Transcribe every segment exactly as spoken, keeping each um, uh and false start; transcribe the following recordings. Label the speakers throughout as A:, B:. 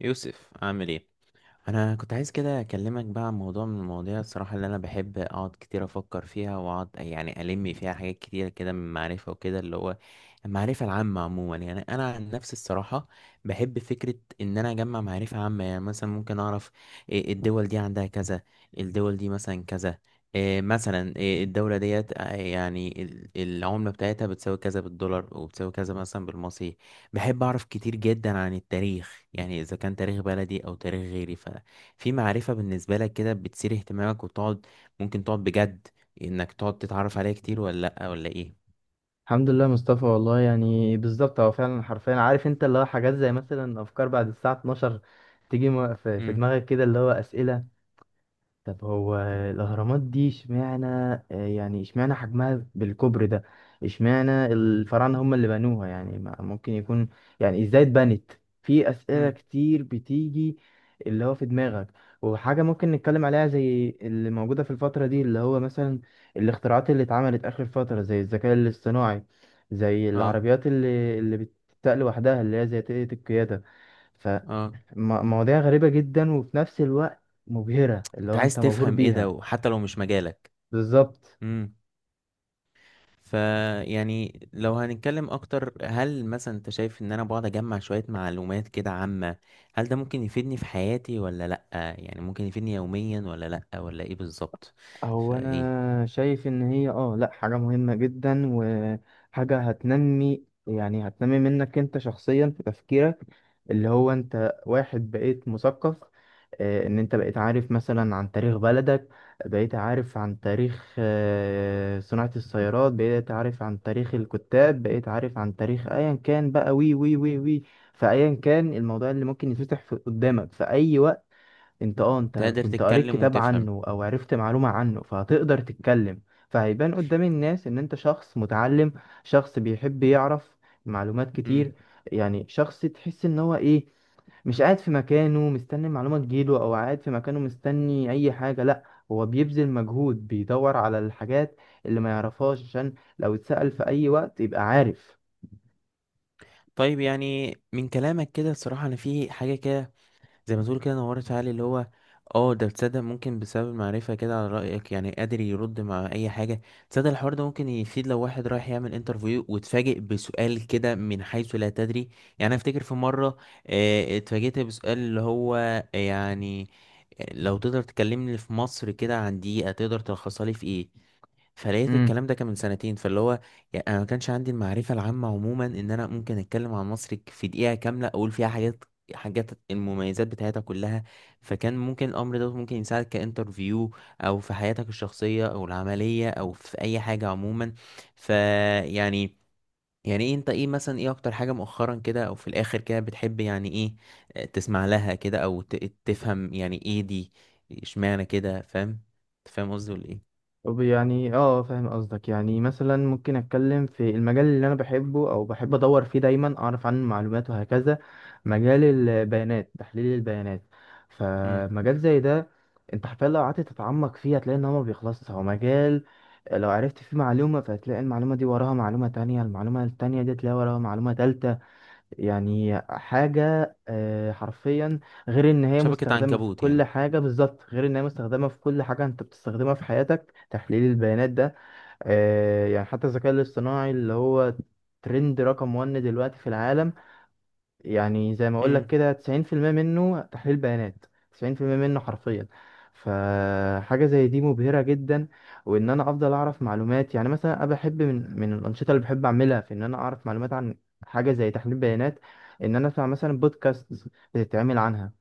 A: يوسف، عامل ايه؟ انا كنت عايز كده اكلمك بقى عن موضوع من المواضيع الصراحه اللي انا بحب اقعد كتير افكر فيها واقعد يعني الم فيها حاجات كتير كده من معرفه وكده اللي هو المعرفه العامه عموما. يعني انا عن نفسي الصراحه بحب فكره ان انا اجمع معرفه عامه. يعني مثلا ممكن اعرف إيه الدول دي عندها كذا، الدول دي مثلا كذا. إيه مثلا إيه الدولة ديت آه، يعني ال- العملة بتاعتها بتساوي كذا بالدولار وبتساوي كذا مثلا بالمصري. بحب أعرف كتير جدا عن التاريخ، يعني إذا كان تاريخ بلدي أو تاريخ غيري. ففي معرفة بالنسبة لك كده بتثير اهتمامك وتقعد، ممكن تقعد بجد إنك تقعد تتعرف عليها كتير ولا لأ ولا إيه؟
B: الحمد لله مصطفى. والله يعني بالظبط هو فعلا حرفيا عارف، انت اللي هو حاجات زي مثلا افكار بعد الساعه اتناشر تيجي م- في في
A: امم.
B: دماغك كده، اللي هو اسئله. طب هو الأهرامات دي اشمعنى، آه، يعني اشمعنى حجمها بالكبر ده؟ اشمعنى الفراعنة هم اللي بنوها؟ يعني ما- ممكن يكون، يعني ازاي اتبنت؟ في أسئلة
A: امم.
B: كتير بتيجي اللي هو في دماغك. وحاجة ممكن نتكلم عليها زي اللي موجودة في الفترة دي، اللي هو مثلا الاختراعات اللي اتعملت آخر فترة، زي الذكاء الاصطناعي، زي
A: اه،
B: العربيات اللي اللي بتتقل لوحدها، اللي هي زي تقنية القيادة.
A: اه.
B: م- مواضيع غريبة جدا وفي نفس الوقت مبهرة، اللي
A: أنت
B: هو
A: عايز
B: انت مبهور
A: تفهم إيه ده
B: بيها.
A: وحتى لو مش مجالك.
B: بالظبط.
A: امم. فيعني لو هنتكلم أكتر، هل مثلا أنت شايف إن أنا بقعد أجمع شوية معلومات كده عامة؟ هل ده ممكن يفيدني في حياتي ولا لأ؟ يعني ممكن يفيدني يوميا ولا لأ ولا إيه بالظبط؟
B: هو
A: فإيه.
B: انا شايف ان هي، اه، لا، حاجة مهمة جدا، وحاجة هتنمي، يعني هتنمي منك انت شخصيا في تفكيرك. اللي هو انت واحد بقيت مثقف. آه، ان انت بقيت عارف مثلا عن تاريخ بلدك، بقيت عارف عن تاريخ، آه، صناعة السيارات، بقيت عارف عن تاريخ الكتاب، بقيت عارف عن تاريخ ايا كان بقى، وي وي وي وي. فايا كان الموضوع اللي ممكن يتفتح في- قدامك في اي وقت، انت، اه، انت
A: تقدر
B: كنت قريت
A: تتكلم
B: كتاب
A: وتفهم.
B: عنه او عرفت معلومة عنه، فهتقدر تتكلم. فهيبان قدام الناس ان انت شخص متعلم، شخص بيحب يعرف معلومات
A: مم.
B: كتير. يعني شخص تحس ان هو ايه، مش قاعد في مكانه مستني المعلومة تجيله، أو قاعد في مكانه مستني أي حاجة، لأ، هو بيبذل مجهود، بيدور على الحاجات اللي ما يعرفهاش، عشان لو اتسأل في أي وقت يبقى عارف.
A: طيب، يعني من كلامك كده الصراحة أنا في حاجة كده، زي ما تقول كده نورت في عقلي اللي هو اه ده. تصدق ممكن بسبب المعرفة كده على رأيك يعني قادر يرد مع أي حاجة. تصدق الحوار ده ممكن يفيد لو واحد رايح يعمل انترفيو واتفاجئ بسؤال كده من حيث لا تدري. يعني أنا أفتكر في مرة آه، اتفاجئت بسؤال اللي هو، يعني لو تقدر تكلمني في مصر كده عن دقيقة تقدر تلخصها لي في ايه. فلقيت الكلام ده كان من سنتين. فاللي هو يعني انا ما كانش عندي المعرفه العامه عموما ان انا ممكن اتكلم عن مصر ك- في دقيقه كامله اقول فيها حاجات حاجات المميزات بتاعتها كلها. فكان ممكن الامر ده ممكن يساعدك كانترفيو، او في حياتك الشخصيه او العمليه او في اي حاجه عموما. فيعني يعني يعني ايه، انت ايه مثلا ايه اكتر حاجه مؤخرا كده او في الاخر كده بتحب يعني ايه؟ آه، تسمع لها كده او ت- تفهم يعني ايه دي؟ اشمعنى كده، فاهم؟ أنت فاهم قصدي ولا ايه؟
B: طب يعني، اه، فاهم قصدك. يعني مثلا ممكن اتكلم في المجال اللي انا بحبه او بحب ادور فيه دايما اعرف عنه معلومات وهكذا. مجال البيانات، تحليل البيانات.
A: إمم.
B: فمجال زي ده انت حرفيا لو قعدت تتعمق فيه هتلاقي ان هو ما بيخلصش. هو مجال لو عرفت فيه معلومة فهتلاقي المعلومة دي وراها معلومة تانية، المعلومة التانية دي تلاقي وراها معلومة تالتة. يعني حاجة، آه، حرفيا، غير ان هي
A: شبكة
B: مستخدمة في
A: عنكبوت
B: كل
A: يعني.
B: حاجة. بالظبط، غير ان هي مستخدمة في كل حاجة انت بتستخدمها في حياتك، تحليل البيانات ده. آه، يعني حتى الذكاء الاصطناعي، اللي هو ترند رقم واحد دلوقتي في العالم، يعني زي ما اقول لك
A: امم.
B: كده تسعين في المية منه تحليل بيانات، تسعين في المية منه حرفيا. فحاجة زي دي مبهرة جدا. وان انا افضل اعرف معلومات، يعني مثلا انا بحب من من الانشطة اللي بحب اعملها، في ان انا اعرف معلومات عن حاجة زي تحليل بيانات، ان انا اسمع مثلا بودكاست بتتعمل عنها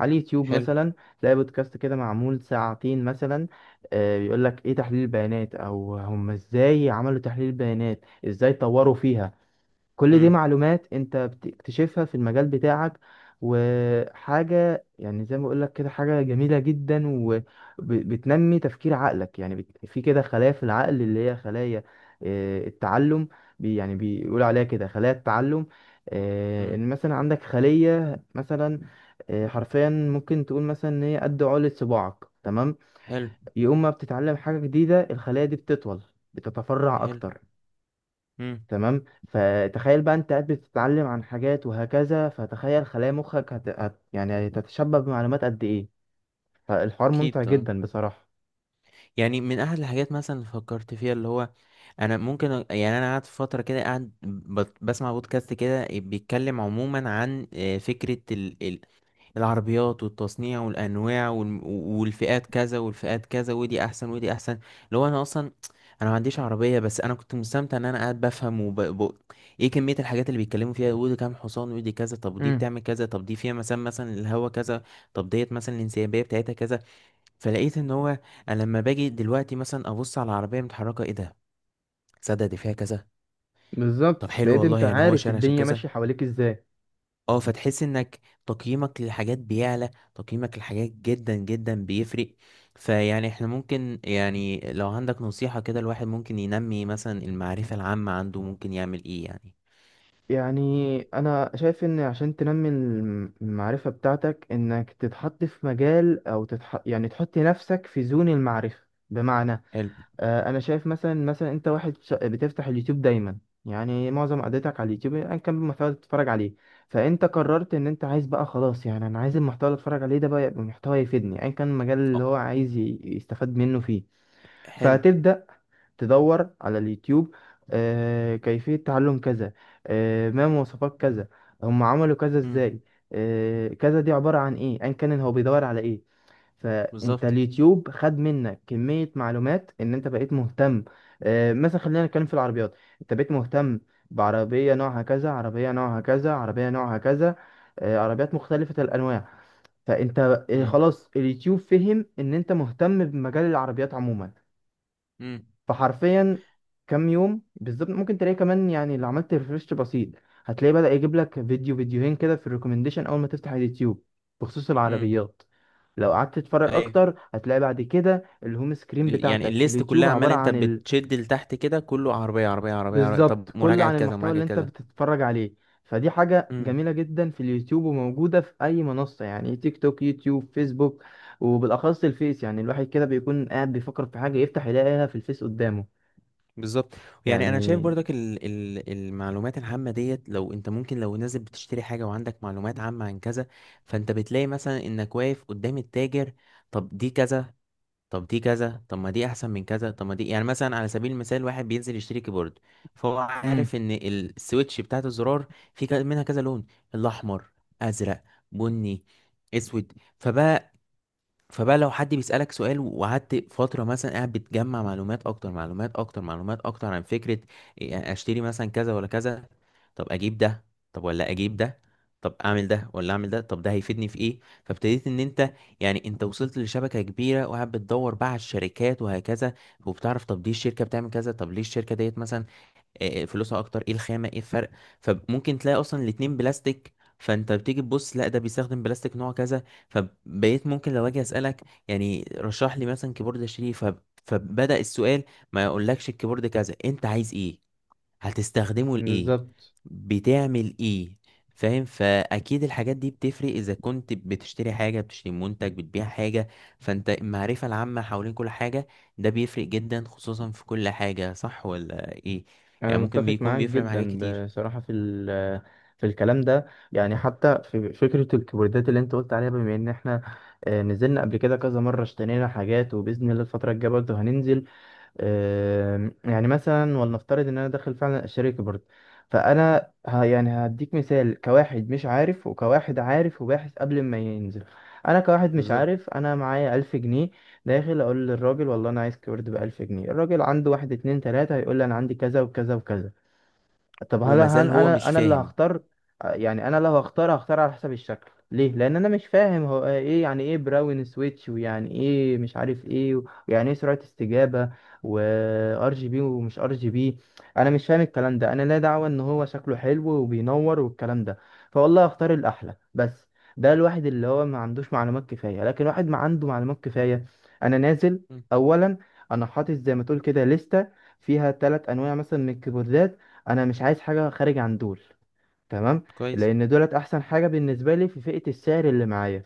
B: على اليوتيوب
A: حلو.
B: مثلا. تلاقي بودكاست كده معمول ساعتين مثلا، آه، بيقول لك ايه تحليل البيانات، او هم ازاي عملوا تحليل البيانات، ازاي طوروا فيها. كل دي
A: امم.
B: معلومات انت بتكتشفها في المجال بتاعك. وحاجة يعني زي ما بقولك كده حاجة جميلة جدا، وبتنمي تفكير عقلك. يعني بت- في كده خلايا في العقل، اللي هي خلايا، آه، التعلم. بي يعني بيقولوا عليها كده خلايا التعلم. آه،
A: مم.
B: ان مثلا عندك خلية مثلا، آه، حرفيا ممكن تقول مثلا ان هي قد عقلة صباعك، تمام؟
A: حلو.
B: يقوم ما بتتعلم حاجة جديدة الخلية دي بتطول، بتتفرع
A: حلو.
B: اكتر.
A: امم.
B: تمام، فتخيل بقى انت قاعد بتتعلم عن حاجات وهكذا، فتخيل خلايا مخك هت... هت... يعني هتتشبع بمعلومات قد ايه. فالحوار
A: اكيد
B: ممتع
A: طبعا.
B: جدا بصراحة.
A: يعني من احد الحاجات مثلا اللي فكرت فيها اللي هو انا ممكن أ- يعني انا قاعد في فتره كده قاعد بت- بسمع بودكاست كده بيتكلم عموما عن آه، فكره العربيات والتصنيع والانواع والم- والفئات كذا والفئات كذا، ودي احسن ودي احسن. لو انا اصلا انا ما عنديش عربيه، بس انا كنت مستمتع ان انا قاعد بفهم وب... ب... ايه كميه الحاجات اللي بيتكلموا فيها، ودي كام حصان ودي كذا، طب ودي
B: امم.
A: بتعمل كذا، طب دي فيها مثلا مثلا الهوا كذا، طب ديت مثلا الانسيابيه بتاعتها كذا. فلقيت ان هو انا لما باجي دلوقتي مثلا ابص على العربيه متحركه ايه ده، تصدق دي فيها كذا. طب
B: بالظبط،
A: حلو
B: بقيت
A: والله،
B: انت
A: يعني هو
B: عارف
A: شارع عشان
B: الدنيا
A: كذا.
B: ماشية حواليك ازاي.
A: اه، فتحس انك تقييمك للحاجات بيعلى، تقييمك للحاجات جدا جدا بيفرق. فيعني احنا ممكن يعني لو عندك نصيحة كده، الواحد ممكن ينمي مثلا المعرفة العامة عنده، ممكن يعمل ايه يعني؟
B: يعني انا شايف ان عشان تنمي الم- المعرفة بتاعتك، انك تتحط في مجال، او تتح... يعني تحط نفسك في زون المعرفة. بمعنى،
A: حلو.
B: آه، انا شايف مثلا، مثلا انت واحد ش- بتفتح اليوتيوب دايما، يعني معظم قعدتك على اليوتيوب، ايا كان المحتوى اللي بتتفرج عليه. فانت قررت ان انت عايز بقى، خلاص يعني انا عايز المحتوى اللي اتفرج عليه ده بقى يبقى محتوى يفيدني، ايا كان المجال
A: اه.
B: اللي هو عايز ي- يستفاد منه فيه.
A: حلو.
B: فهتبدأ تدور على اليوتيوب، آه، كيفية تعلم كذا، آه، ما مواصفات كذا، هم عملوا كذا
A: امم.
B: ازاي، آه، كذا دي عبارة عن ايه، ايا كان هو بيدور على ايه. فانت
A: بالظبط.
B: اليوتيوب خد منك كمية معلومات، ان انت بقيت مهتم. آه، مثلا خلينا نتكلم في العربيات. انت بقيت مهتم بعربية نوعها كذا، عربية نوعها كذا، عربية نوعها كذا، آه، عربيات مختلفة الانواع. فانت، آه،
A: امم.
B: خلاص اليوتيوب فهم ان انت مهتم بمجال العربيات عموما.
A: امم.
B: فحرفيا كام يوم بالظبط ممكن تلاقي كمان، يعني لو عملت ريفرش بسيط هتلاقي بدأ يجيب لك فيديو فيديوهين كده في الريكومنديشن اول ما تفتح اليوتيوب، بخصوص
A: امم.
B: العربيات. لو قعدت تتفرج
A: ايوه.
B: اكتر هتلاقي بعد كده الهوم سكرين
A: ال- يعني
B: بتاعتك في
A: الليست
B: اليوتيوب
A: كلها عمال
B: عبارة
A: انت
B: عن ال...
A: بتشد لتحت كده، كله عربية عربية عربية عربية، طب
B: بالظبط، كل
A: مراجعة
B: عن
A: كذا
B: المحتوى اللي
A: مراجعة
B: انت بتتفرج عليه. فدي حاجة
A: كذا.
B: جميلة جدا في اليوتيوب وموجودة في أي منصة، يعني تيك توك، يوتيوب، فيسبوك. وبالأخص الفيس، يعني الواحد كده بيكون قاعد بيفكر في حاجة، يفتح يلاقيها في الفيس قدامه.
A: بالظبط. يعني انا شايف
B: يعني.
A: برضك ال ال المعلومات العامه ديت، لو انت ممكن لو نازل بتشتري حاجه وعندك معلومات عامه عن كذا، فانت بتلاقي مثلا انك واقف قدام التاجر. طب دي كذا، طب دي كذا، طب ما دي احسن من كذا، طب ما دي. يعني مثلا على سبيل المثال واحد بينزل يشتري كيبورد، فهو
B: مم.
A: عارف ان السويتش بتاعت الزرار في ك- منها كذا لون: الاحمر، ازرق، بني، اسود. فبقى فبقى لو حد بيسألك سؤال وقعدت فترة مثلا قاعد بتجمع معلومات أكتر، معلومات أكتر، معلومات أكتر عن فكرة. إيه، يعني أشتري مثلا كذا ولا كذا؟ طب أجيب ده؟ طب ولا أجيب ده؟ طب أعمل ده ولا أعمل ده؟ طب ده هيفيدني في إيه؟ فابتديت إن أنت، يعني أنت وصلت لشبكة كبيرة وقاعد بتدور بقى على الشركات وهكذا، وبتعرف طب دي الشركة بتعمل كذا، طب ليه الشركة ديت مثلا إيه فلوسها اكتر، ايه الخامه، ايه الفرق؟ فممكن تلاقي اصلا الاتنين بلاستيك. فانت بتيجي تبص لا ده بيستخدم بلاستيك نوع كذا. فبقيت ممكن لو اجي اسالك يعني رشح لي مثلا كيبورد اشتريه، فب- فبدأ السؤال. ما يقولكش الكيبورد كذا، انت عايز ايه؟ هتستخدمه لإيه؟
B: بالظبط.
A: بتعمل إيه؟ فاهم؟ فأكيد الحاجات دي بتفرق، إذا كنت بتشتري حاجة، بتشتري منتج، بتبيع حاجة، فأنت المعرفة العامة حوالين كل حاجة ده بيفرق جدا، خصوصا في كل حاجة، صح ولا إيه؟
B: انا
A: يعني ممكن
B: متفق
A: بيكون
B: معاك
A: بيفرق مع حاجات
B: جدا.
A: كتير.
B: بصراحه في ال- في الكلام ده، يعني حتى في فكره الكيبوردات اللي انت قلت عليها، بما ان احنا، آه، نزلنا قبل كده كذا مره، اشترينا حاجات، وباذن الله الفتره الجايه برضه هننزل. آم، يعني مثلا ولنفترض ان انا داخل فعلا اشترك برضه. فانا ه- يعني هديك مثال، كواحد مش عارف، وكواحد عارف وباحث قبل ما ينزل. انا كواحد مش
A: بالظبط.
B: عارف، انا معايا ألف جنيه. داخل اقول للراجل والله انا عايز كيورد بألف جنيه. الراجل عنده واحد اتنين تلاتة، هيقول لي انا عندي كذا وكذا وكذا. طب هل
A: ومازال
B: هن
A: هو
B: انا
A: مش
B: انا اللي
A: فاهم.
B: هختار؟ يعني انا لو هختار هختار على حسب الشكل. ليه؟ لان انا مش فاهم هو ايه، يعني ايه براون سويتش، ويعني ايه مش عارف ايه، ويعني ايه سرعة استجابة، وار جي بي ومش ار جي بي. انا مش فاهم الكلام ده. انا لا دعوة، ان هو شكله حلو وبينور والكلام ده، فوالله هختار الاحلى بس. ده الواحد اللي هو ما عندوش معلومات كفاية. لكن واحد ما عنده معلومات كفاية، انا نازل،
A: مم.
B: اولا، انا حاطط زي ما تقول كده لستة فيها ثلاث انواع مثلا من الكيبوردات، انا مش عايز حاجه خارج عن دول، تمام؟
A: كويس.
B: لان دولت احسن حاجه بالنسبه لي في فئه السعر اللي معايا.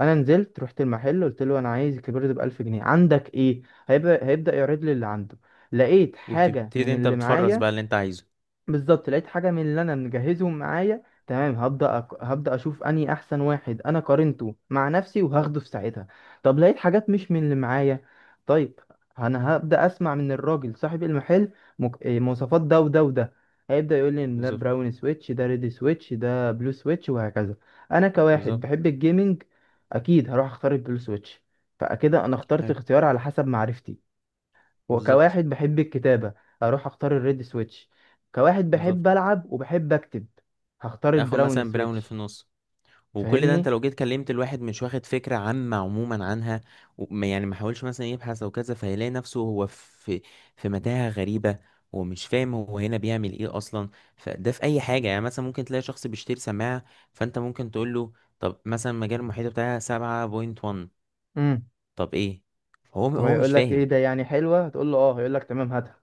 B: انا نزلت رحت المحل، قلت له انا عايز الكبير ده ألف جنيه، عندك ايه؟ هيبقى هيبدا يعرض لي اللي عنده. لقيت حاجه من
A: وبتبتدي أنت
B: اللي
A: بتفرز
B: معايا.
A: بقى اللي أنت عايزه.
B: بالظبط، لقيت حاجه من اللي انا مجهزهم معايا، تمام، هبدا أك... هبدا اشوف اني احسن واحد، انا قارنته مع نفسي وهاخده في ساعتها. طب لقيت حاجات مش من اللي معايا. طيب انا هبدا اسمع من الراجل صاحب المحل، مك... إيه، مواصفات ده وده وده. هيبدا يقول لي إن ده
A: بالظبط.
B: براون سويتش، ده ريد سويتش، ده بلو سويتش، وهكذا. انا كواحد
A: بالظبط.
B: بحب الجيمنج، اكيد هروح اختار البلو سويتش. فكده انا اخترت
A: حلو.
B: اختيار على حسب معرفتي.
A: بالظبط.
B: وكواحد بحب الكتابة اروح اختار الريد سويتش. كواحد
A: بالظبط.
B: بحب العب وبحب اكتب هختار
A: آخد
B: البراون
A: مثلا براوني في
B: سويتش.
A: النص. وكل ده انت
B: فاهمني.
A: لو جيت كلمت الواحد مش واخد فكرة عامة عموما عنها، وما- يعني ما حاولش مثلا يبحث او كذا، فهيلاقي نفسه هو في في متاهة غريبة، ومش فاهم هو هنا بيعمل ايه اصلا. فده في اي حاجة. يعني مثلا ممكن تلاقي شخص بيشتري سماعة، فانت ممكن تقول له طب مثلا مجال المحيط بتاعها سبعة نقطة واحد.
B: امم.
A: طب ايه؟ هو هو مش
B: وهيقول لك ايه
A: فاهم.
B: ده، يعني حلوة؟ هتقول له اه، هيقول لك تمام هاتها.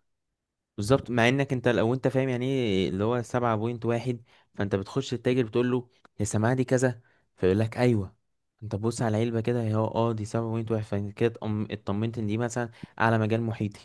A: بالظبط، مع انك انت لو انت فاهم يعني ايه اللي هو سبعة بوينت واحد. فانت بتخش التاجر بتقول له يا سماعة دي كذا، فيقول لك ايوه. انت بص على العلبة كده هي اه دي سبعة بوينت واحد، فكده اطمنت ان دي مثلا اعلى مجال محيطي،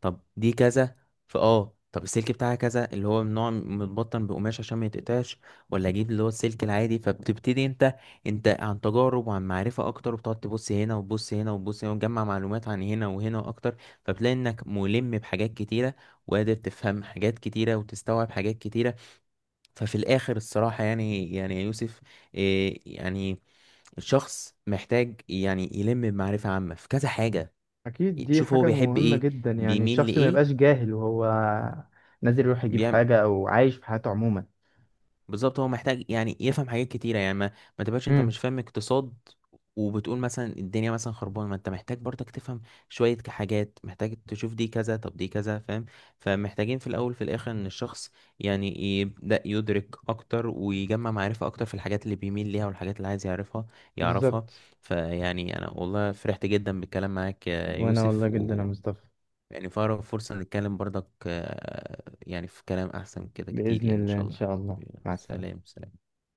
A: طب دي كذا. فاه طب السلك بتاعها كذا اللي هو من نوع متبطن بقماش عشان ما يتقطعش، ولا اجيب اللي هو السلك العادي؟ فبتبتدي انت انت عن تجارب وعن معرفة اكتر، وبتقعد تبص هنا وتبص هنا وتبص هنا وتجمع معلومات عن هنا وهنا اكتر. فبتلاقي انك ملم بحاجات كتيرة، وقادر تفهم حاجات كتيرة وتستوعب حاجات كتيرة. ففي الاخر الصراحة يعني يعني يا يوسف، إيه يعني. الشخص محتاج يعني يلم بمعرفة عامة في كذا حاجة.
B: اكيد دي
A: شوف هو
B: حاجة
A: بيحب
B: مهمة
A: ايه،
B: جدا، يعني
A: بيميل
B: الشخص ما يبقاش
A: لايه،
B: جاهل وهو نازل يروح يجيب
A: بيعمل.
B: حاجة، او عايش في حياته عموما.
A: بالظبط، هو محتاج يعني يفهم حاجات كتيرة، يعني ما, ما تبقاش انت
B: امم.
A: مش فاهم اقتصاد، وبتقول مثلا الدنيا مثلا خربانة. ما انت محتاج برضك تفهم شوية ك- حاجات، محتاج تشوف دي كذا طب دي كذا، فاهم؟ فمحتاجين في الأول في الآخر إن الشخص يعني يبدأ يدرك أكتر ويجمع معرفة أكتر في الحاجات اللي بيميل ليها والحاجات اللي عايز يعرفها يعرفها
B: بالظبط.
A: فيعني أنا والله فرحت جدا بالكلام معاك يا
B: وانا
A: يوسف.
B: والله جدا يا مصطفى.
A: يعني فأقرب فرصة نتكلم برضك، آه، يعني في كلام أحسن كده كتير،
B: بإذن
A: يعني إن
B: الله،
A: شاء
B: ان
A: الله.
B: شاء الله، مع السلامة.
A: سلام سلام.